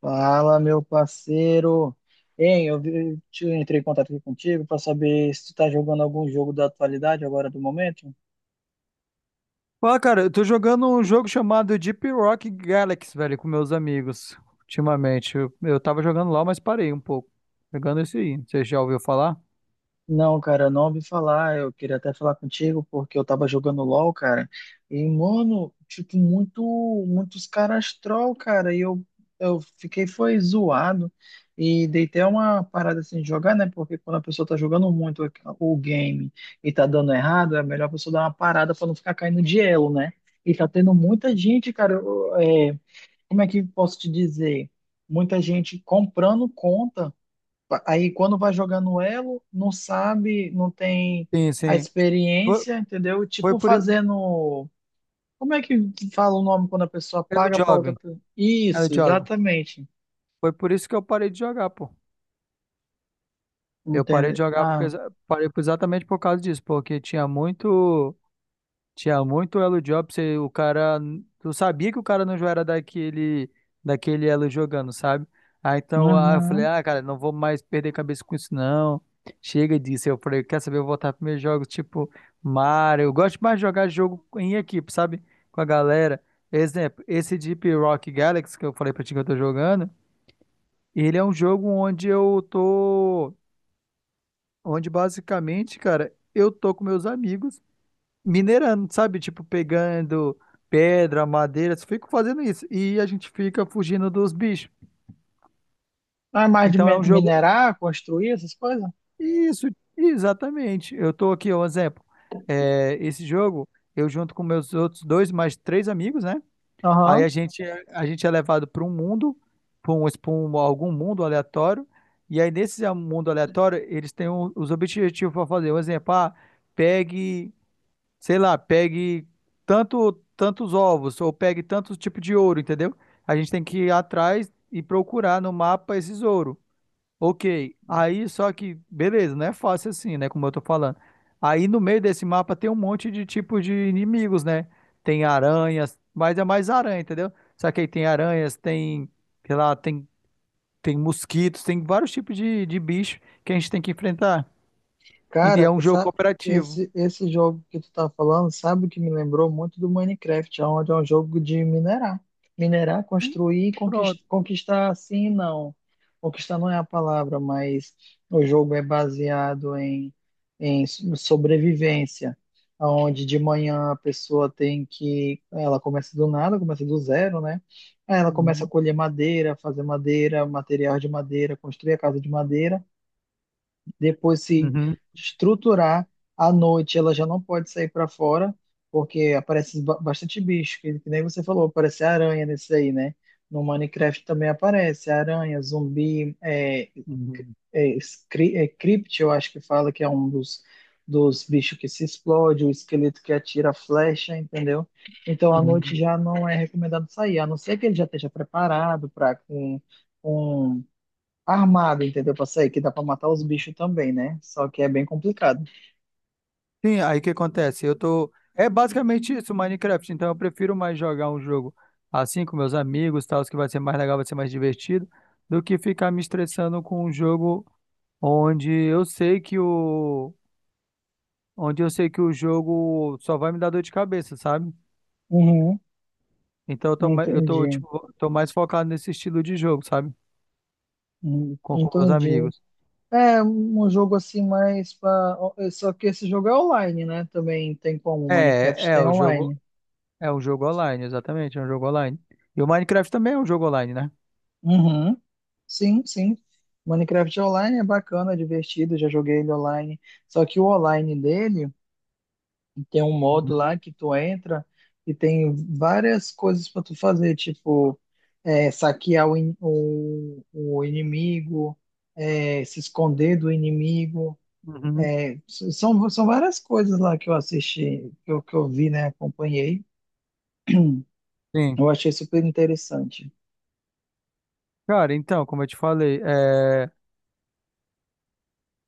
Fala, meu parceiro. Hein, eu vi- te- Entrei em contato aqui contigo para saber se tu tá jogando algum jogo da atualidade agora do momento. Fala, cara, eu tô jogando um jogo chamado Deep Rock Galaxy, velho, com meus amigos, ultimamente. Eu tava jogando lá, mas parei um pouco. Jogando esse aí. Você já ouviu falar? Não, cara, eu não ouvi falar. Eu queria até falar contigo porque eu tava jogando LoL, cara. E, mano, tipo, muitos caras troll, cara. Eu fiquei, foi zoado. E dei até uma parada assim de jogar, né? Porque quando a pessoa tá jogando muito o game e tá dando errado, é melhor a pessoa dar uma parada pra não ficar caindo de elo, né? E tá tendo muita gente, cara. Como é que posso te dizer? Muita gente comprando conta. Aí quando vai jogar no elo, não sabe, não tem Sim, a sim. Foi, experiência, entendeu? foi Tipo por isso. fazendo. Como é que fala o nome quando a pessoa É do paga para outra Job. pessoa? É do Isso, Job. exatamente. Foi por isso que eu parei de jogar, pô. Eu parei de Entende? jogar porque, Ah, exatamente por causa disso, porque tinha muito. Tinha muito elo job, você, o cara, eu sabia que o cara não era daquele, daquele elo jogando, sabe? Aí então aí eu falei, uhum. ah, cara, não vou mais perder cabeça com isso não. Chega disso. Eu falei, quer saber, eu vou voltar para meus jogos tipo Mario. Eu gosto mais de jogar jogo em equipe, sabe? Com a galera. Exemplo, esse Deep Rock Galaxy que eu falei pra ti que eu tô jogando, ele é um jogo onde eu tô, onde basicamente, cara, eu tô com meus amigos minerando, sabe? Tipo, pegando pedra, madeira, só fico fazendo isso. E a gente fica fugindo dos bichos. Ah, mais de Então é um jogo. minerar, construir essas coisas? Isso, exatamente. Eu tô aqui, um exemplo. É, esse jogo, eu junto com meus outros dois, mais três amigos, né? Aí Aham. a gente, a gente é levado para um mundo, para um, pra um- algum mundo aleatório. E aí, nesse mundo aleatório, eles têm os objetivos para fazer. Um exemplo, ah, pegue. Sei lá, pegue tantos ovos ou pegue tantos tipos de ouro, entendeu? A gente tem que ir atrás e procurar no mapa esses ouro. Ok, aí só que, beleza, não é fácil assim, né? Como eu tô falando. Aí no meio desse mapa tem um monte de tipos de inimigos, né? Tem aranhas, mas é mais aranha, entendeu? Só que aí tem aranhas, tem, sei lá, tem, tem mosquitos, tem vários tipos de bicho que a gente tem que enfrentar. E é Cara, um jogo cooperativo. Esse jogo que tu tá falando, sabe o que me lembrou muito? Do Minecraft, onde é um jogo de minerar. Minerar, Sim, construir e conquistar, pronto. conquistar sim não. Conquistar não é a palavra, mas o jogo é baseado em sobrevivência, onde de manhã a pessoa tem que. Ela começa do nada, começa do zero, né? Aí ela começa a Uhum. colher madeira, fazer madeira, material de madeira, construir a casa de madeira depois se Uhum. estruturar. À noite ela já não pode sair para fora, porque aparece bastante bicho, que nem você falou, aparece aranha nesse aí, né? No Minecraft também aparece aranha, zumbi, Uhum, crypt, eu acho que fala que é um dos bichos que se explode, o esqueleto que atira flecha, entendeu? Então à uhum. noite já não é recomendado sair, a não ser que ele já esteja preparado para com armado, entendeu? Pra sair, que dá pra matar os bichos também, né? Só que é bem complicado. Sim, aí o que acontece? Eu tô. É basicamente isso, Minecraft. Então eu prefiro mais jogar um jogo assim com meus amigos, tal, que vai ser mais legal, vai ser mais divertido, do que ficar me estressando com um jogo onde eu sei que o. Onde eu sei que o jogo só vai me dar dor de cabeça, sabe? Uhum, Então eu tô, eu tô, entendi. tipo, tô mais focado nesse estilo de jogo, sabe? Uhum, Com meus entendi. amigos. É um jogo assim mais pra... Só que esse jogo é online, né? Também tem como. Minecraft É tem o jogo. online. É um jogo online, exatamente, é um jogo online. E o Minecraft também é um jogo online, né? Uhum. Sim, sim. Minecraft é online, é bacana, é divertido. Já joguei ele online. Só que o online dele. Tem um modo Uhum. lá que tu entra e tem várias coisas para tu fazer, tipo é, saquear o inimigo, é, se esconder do inimigo. Uhum, São, são várias coisas lá que eu assisti, que eu vi, né? Acompanhei. sim. Eu achei super interessante. Cara, então, como eu te falei, é,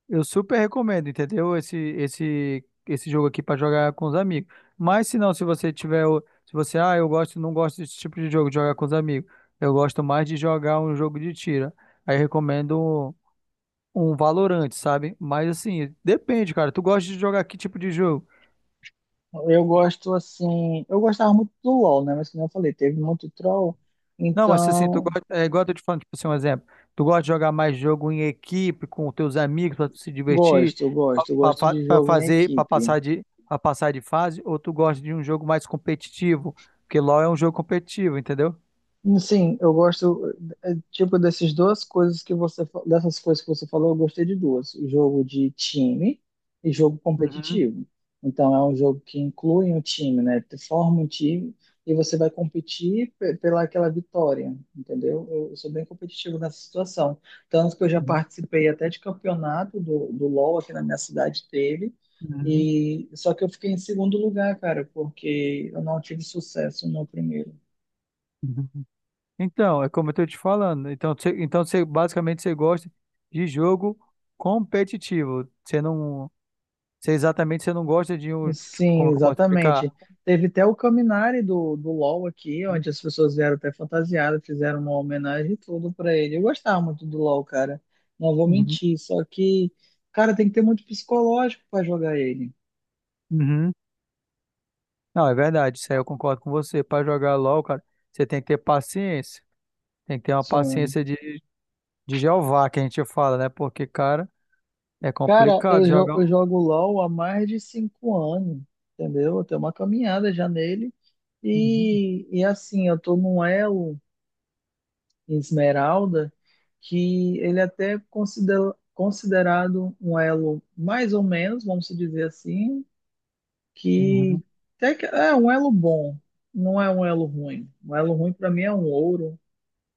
eu super recomendo, entendeu? Esse jogo aqui pra jogar com os amigos. Mas se não, se você tiver, se você, ah, eu gosto, não gosto desse tipo de jogo de jogar com os amigos. Eu gosto mais de jogar um jogo de tiro. Aí eu recomendo um, um Valorant, sabe? Mas assim, depende, cara. Tu gosta de jogar que tipo de jogo? Eu gosto assim, eu gostava muito do LoL, né? Mas como eu falei, teve muito troll, Não, mas assim, tu então gosta, é igual eu tô te falando, tipo assim, um exemplo. Tu gosta de jogar mais jogo em equipe, com teus amigos, pra tu se divertir, eu pra, gosto pra- de pra jogo em fazer, equipe. Pra passar de fase, ou tu gosta de um jogo mais competitivo? Porque LoL é um jogo competitivo, entendeu? Sim, eu gosto. Tipo, dessas coisas que você falou, eu gostei de duas: o jogo de time e jogo Uhum, competitivo. Então, é um jogo que inclui um time, né? Tu forma um time e você vai competir pela aquela vitória, entendeu? Eu sou bem competitivo nessa situação. Tanto que eu já uhum, participei até de campeonato do LoL aqui na minha cidade, teve. uhum, E, só que eu fiquei em segundo lugar, cara, porque eu não tive sucesso no primeiro. uhum. Então, é como eu tô te falando. Então, você, basicamente você gosta de jogo competitivo. Você exatamente você não gosta de um, tipo, Sim, como é que eu posso explicar? exatamente. Teve até o Caminari do LoL aqui, onde as pessoas vieram até fantasiadas, fizeram uma homenagem e tudo pra ele. Eu gostava muito do LoL, cara. Não vou Uhum, mentir, só que, cara, tem que ter muito psicológico pra jogar ele. uhum. Não, é verdade, isso aí eu concordo com você. Para jogar LOL, cara, você tem que ter paciência. Tem que ter uma Sim. paciência de Jeová, que a gente fala, né? Porque, cara, é Cara, complicado jogar. eu Um, jogo LoL há mais de 5 anos, entendeu? Eu tenho uma caminhada já nele. uhum, E assim, eu tô num elo. Esmeralda, que ele até é considerado um elo mais ou menos, vamos dizer assim, uhum, que até que é um elo bom, não é um elo ruim. Um elo ruim para mim é um ouro,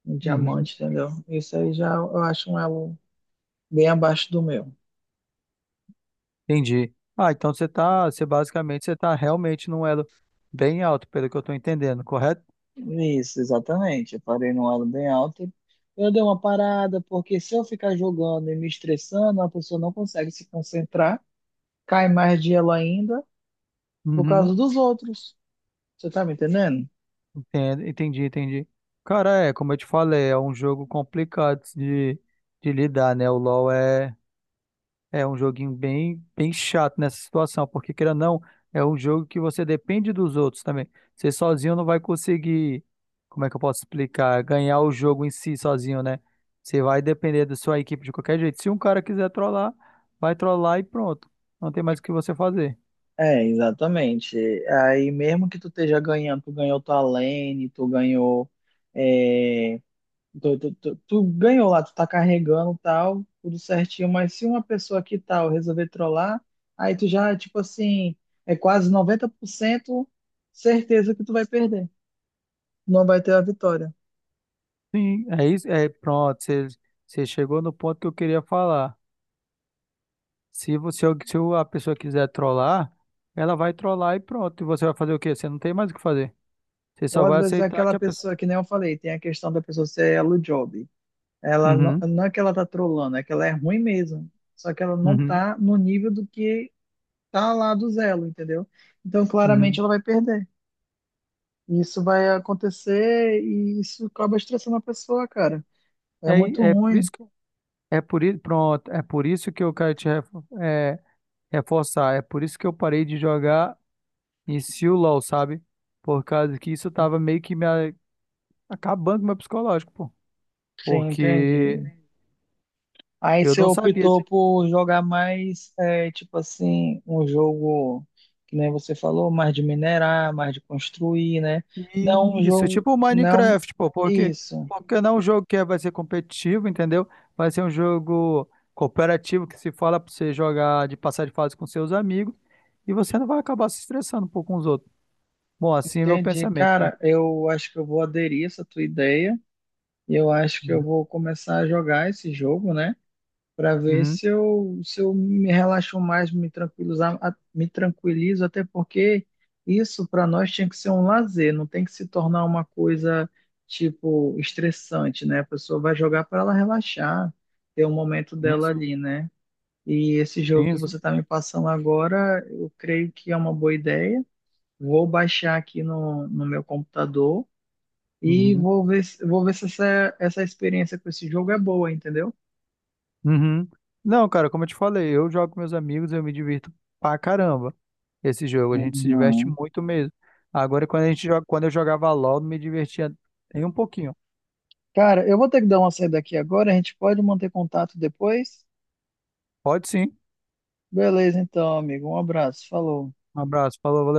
um uhum. diamante, entendeu? Isso aí já eu acho um elo bem abaixo do meu. Entendi. Ah, então você tá, você basicamente, você tá realmente num elo bem alto, pelo que eu tô entendendo, correto? Isso, exatamente. Eu parei num elo bem alto e eu dei uma parada, porque se eu ficar jogando e me estressando, a pessoa não consegue se concentrar, cai mais de elo ainda por Uhum, causa dos outros. Você tá me entendendo? entendo, entendi, entendi. Cara, é, como eu te falei, é um jogo complicado de lidar, né? O LoL é. É um joguinho bem, bem chato nessa situação, porque queira ou não, é um jogo que você depende dos outros também. Você sozinho não vai conseguir, como é que eu posso explicar, ganhar o jogo em si sozinho, né? Você vai depender da sua equipe de qualquer jeito. Se um cara quiser trollar, vai trollar e pronto. Não tem mais o que você fazer. É, exatamente. Aí mesmo que tu esteja ganhando, tu ganhou tua lane, tu ganhou, é, tu ganhou lá, tu tá carregando tal, tudo certinho, mas se uma pessoa que tal resolver trollar, aí tu já, tipo assim, é quase 90% certeza que tu vai perder. Não vai ter a vitória. Sim, é isso, é pronto. Você, você chegou no ponto que eu queria falar. Se você, se a pessoa quiser trollar, ela vai trollar e pronto. E você vai fazer o quê? Você não tem mais o que fazer. Você só Ou às vai vezes é aceitar que aquela a pessoa pessoa, que nem eu falei, tem a questão da pessoa ser elo job. Ela não, uhum, não é que ela tá trolando, é que ela é ruim mesmo. Só que ela não uhum, tá no nível do que tá lá do Zelo, entendeu? Então, claramente, uhum. ela vai perder. Isso vai acontecer e isso acaba estressando a pessoa, cara. É muito É por ruim. isso que pronto, é por isso que eu quero te reforçar. É por isso que eu parei de jogar em si o LoL, sabe? Por causa que isso tava meio que me acabando com o meu psicológico, pô. Sim, Porque entendi. Aí eu você não sabia optou por jogar mais, é, tipo assim, um jogo que nem você falou, mais de minerar, mais de construir, né? Não um isso, é jogo, tipo o não Minecraft, pô, isso. porque não é um jogo que é, vai ser competitivo, entendeu? Vai ser um jogo cooperativo que se fala pra você jogar de passar de fase com seus amigos e você não vai acabar se estressando, pô, com os outros. Bom, assim é meu Entendi, pensamento, né? cara. Eu acho que eu vou aderir essa tua ideia. E eu acho que eu Uhum. vou começar a jogar esse jogo, né? Para ver Uhum. se eu, se eu me relaxo mais, me tranquilizo, até porque isso para nós tinha que ser um lazer, não tem que se tornar uma coisa tipo estressante, né? A pessoa vai jogar para ela relaxar, ter um momento dela Isso, ali, né? E esse jogo que isso. você tá me passando agora, eu creio que é uma boa ideia. Vou baixar aqui no meu computador e Uhum. vou ver, vou ver se essa experiência com esse jogo é boa, entendeu? Uhum. Não, cara, como eu te falei, eu jogo com meus amigos, eu me divirto pra caramba. Esse jogo, a gente se diverte Uhum. muito mesmo. Agora, quando a gente joga, quando eu jogava LOL, não me divertia nem um pouquinho. Cara, eu vou ter que dar uma saída aqui agora, a gente pode manter contato depois? Pode sim. Beleza, então, amigo. Um abraço, falou. Um abraço, falou, valeu.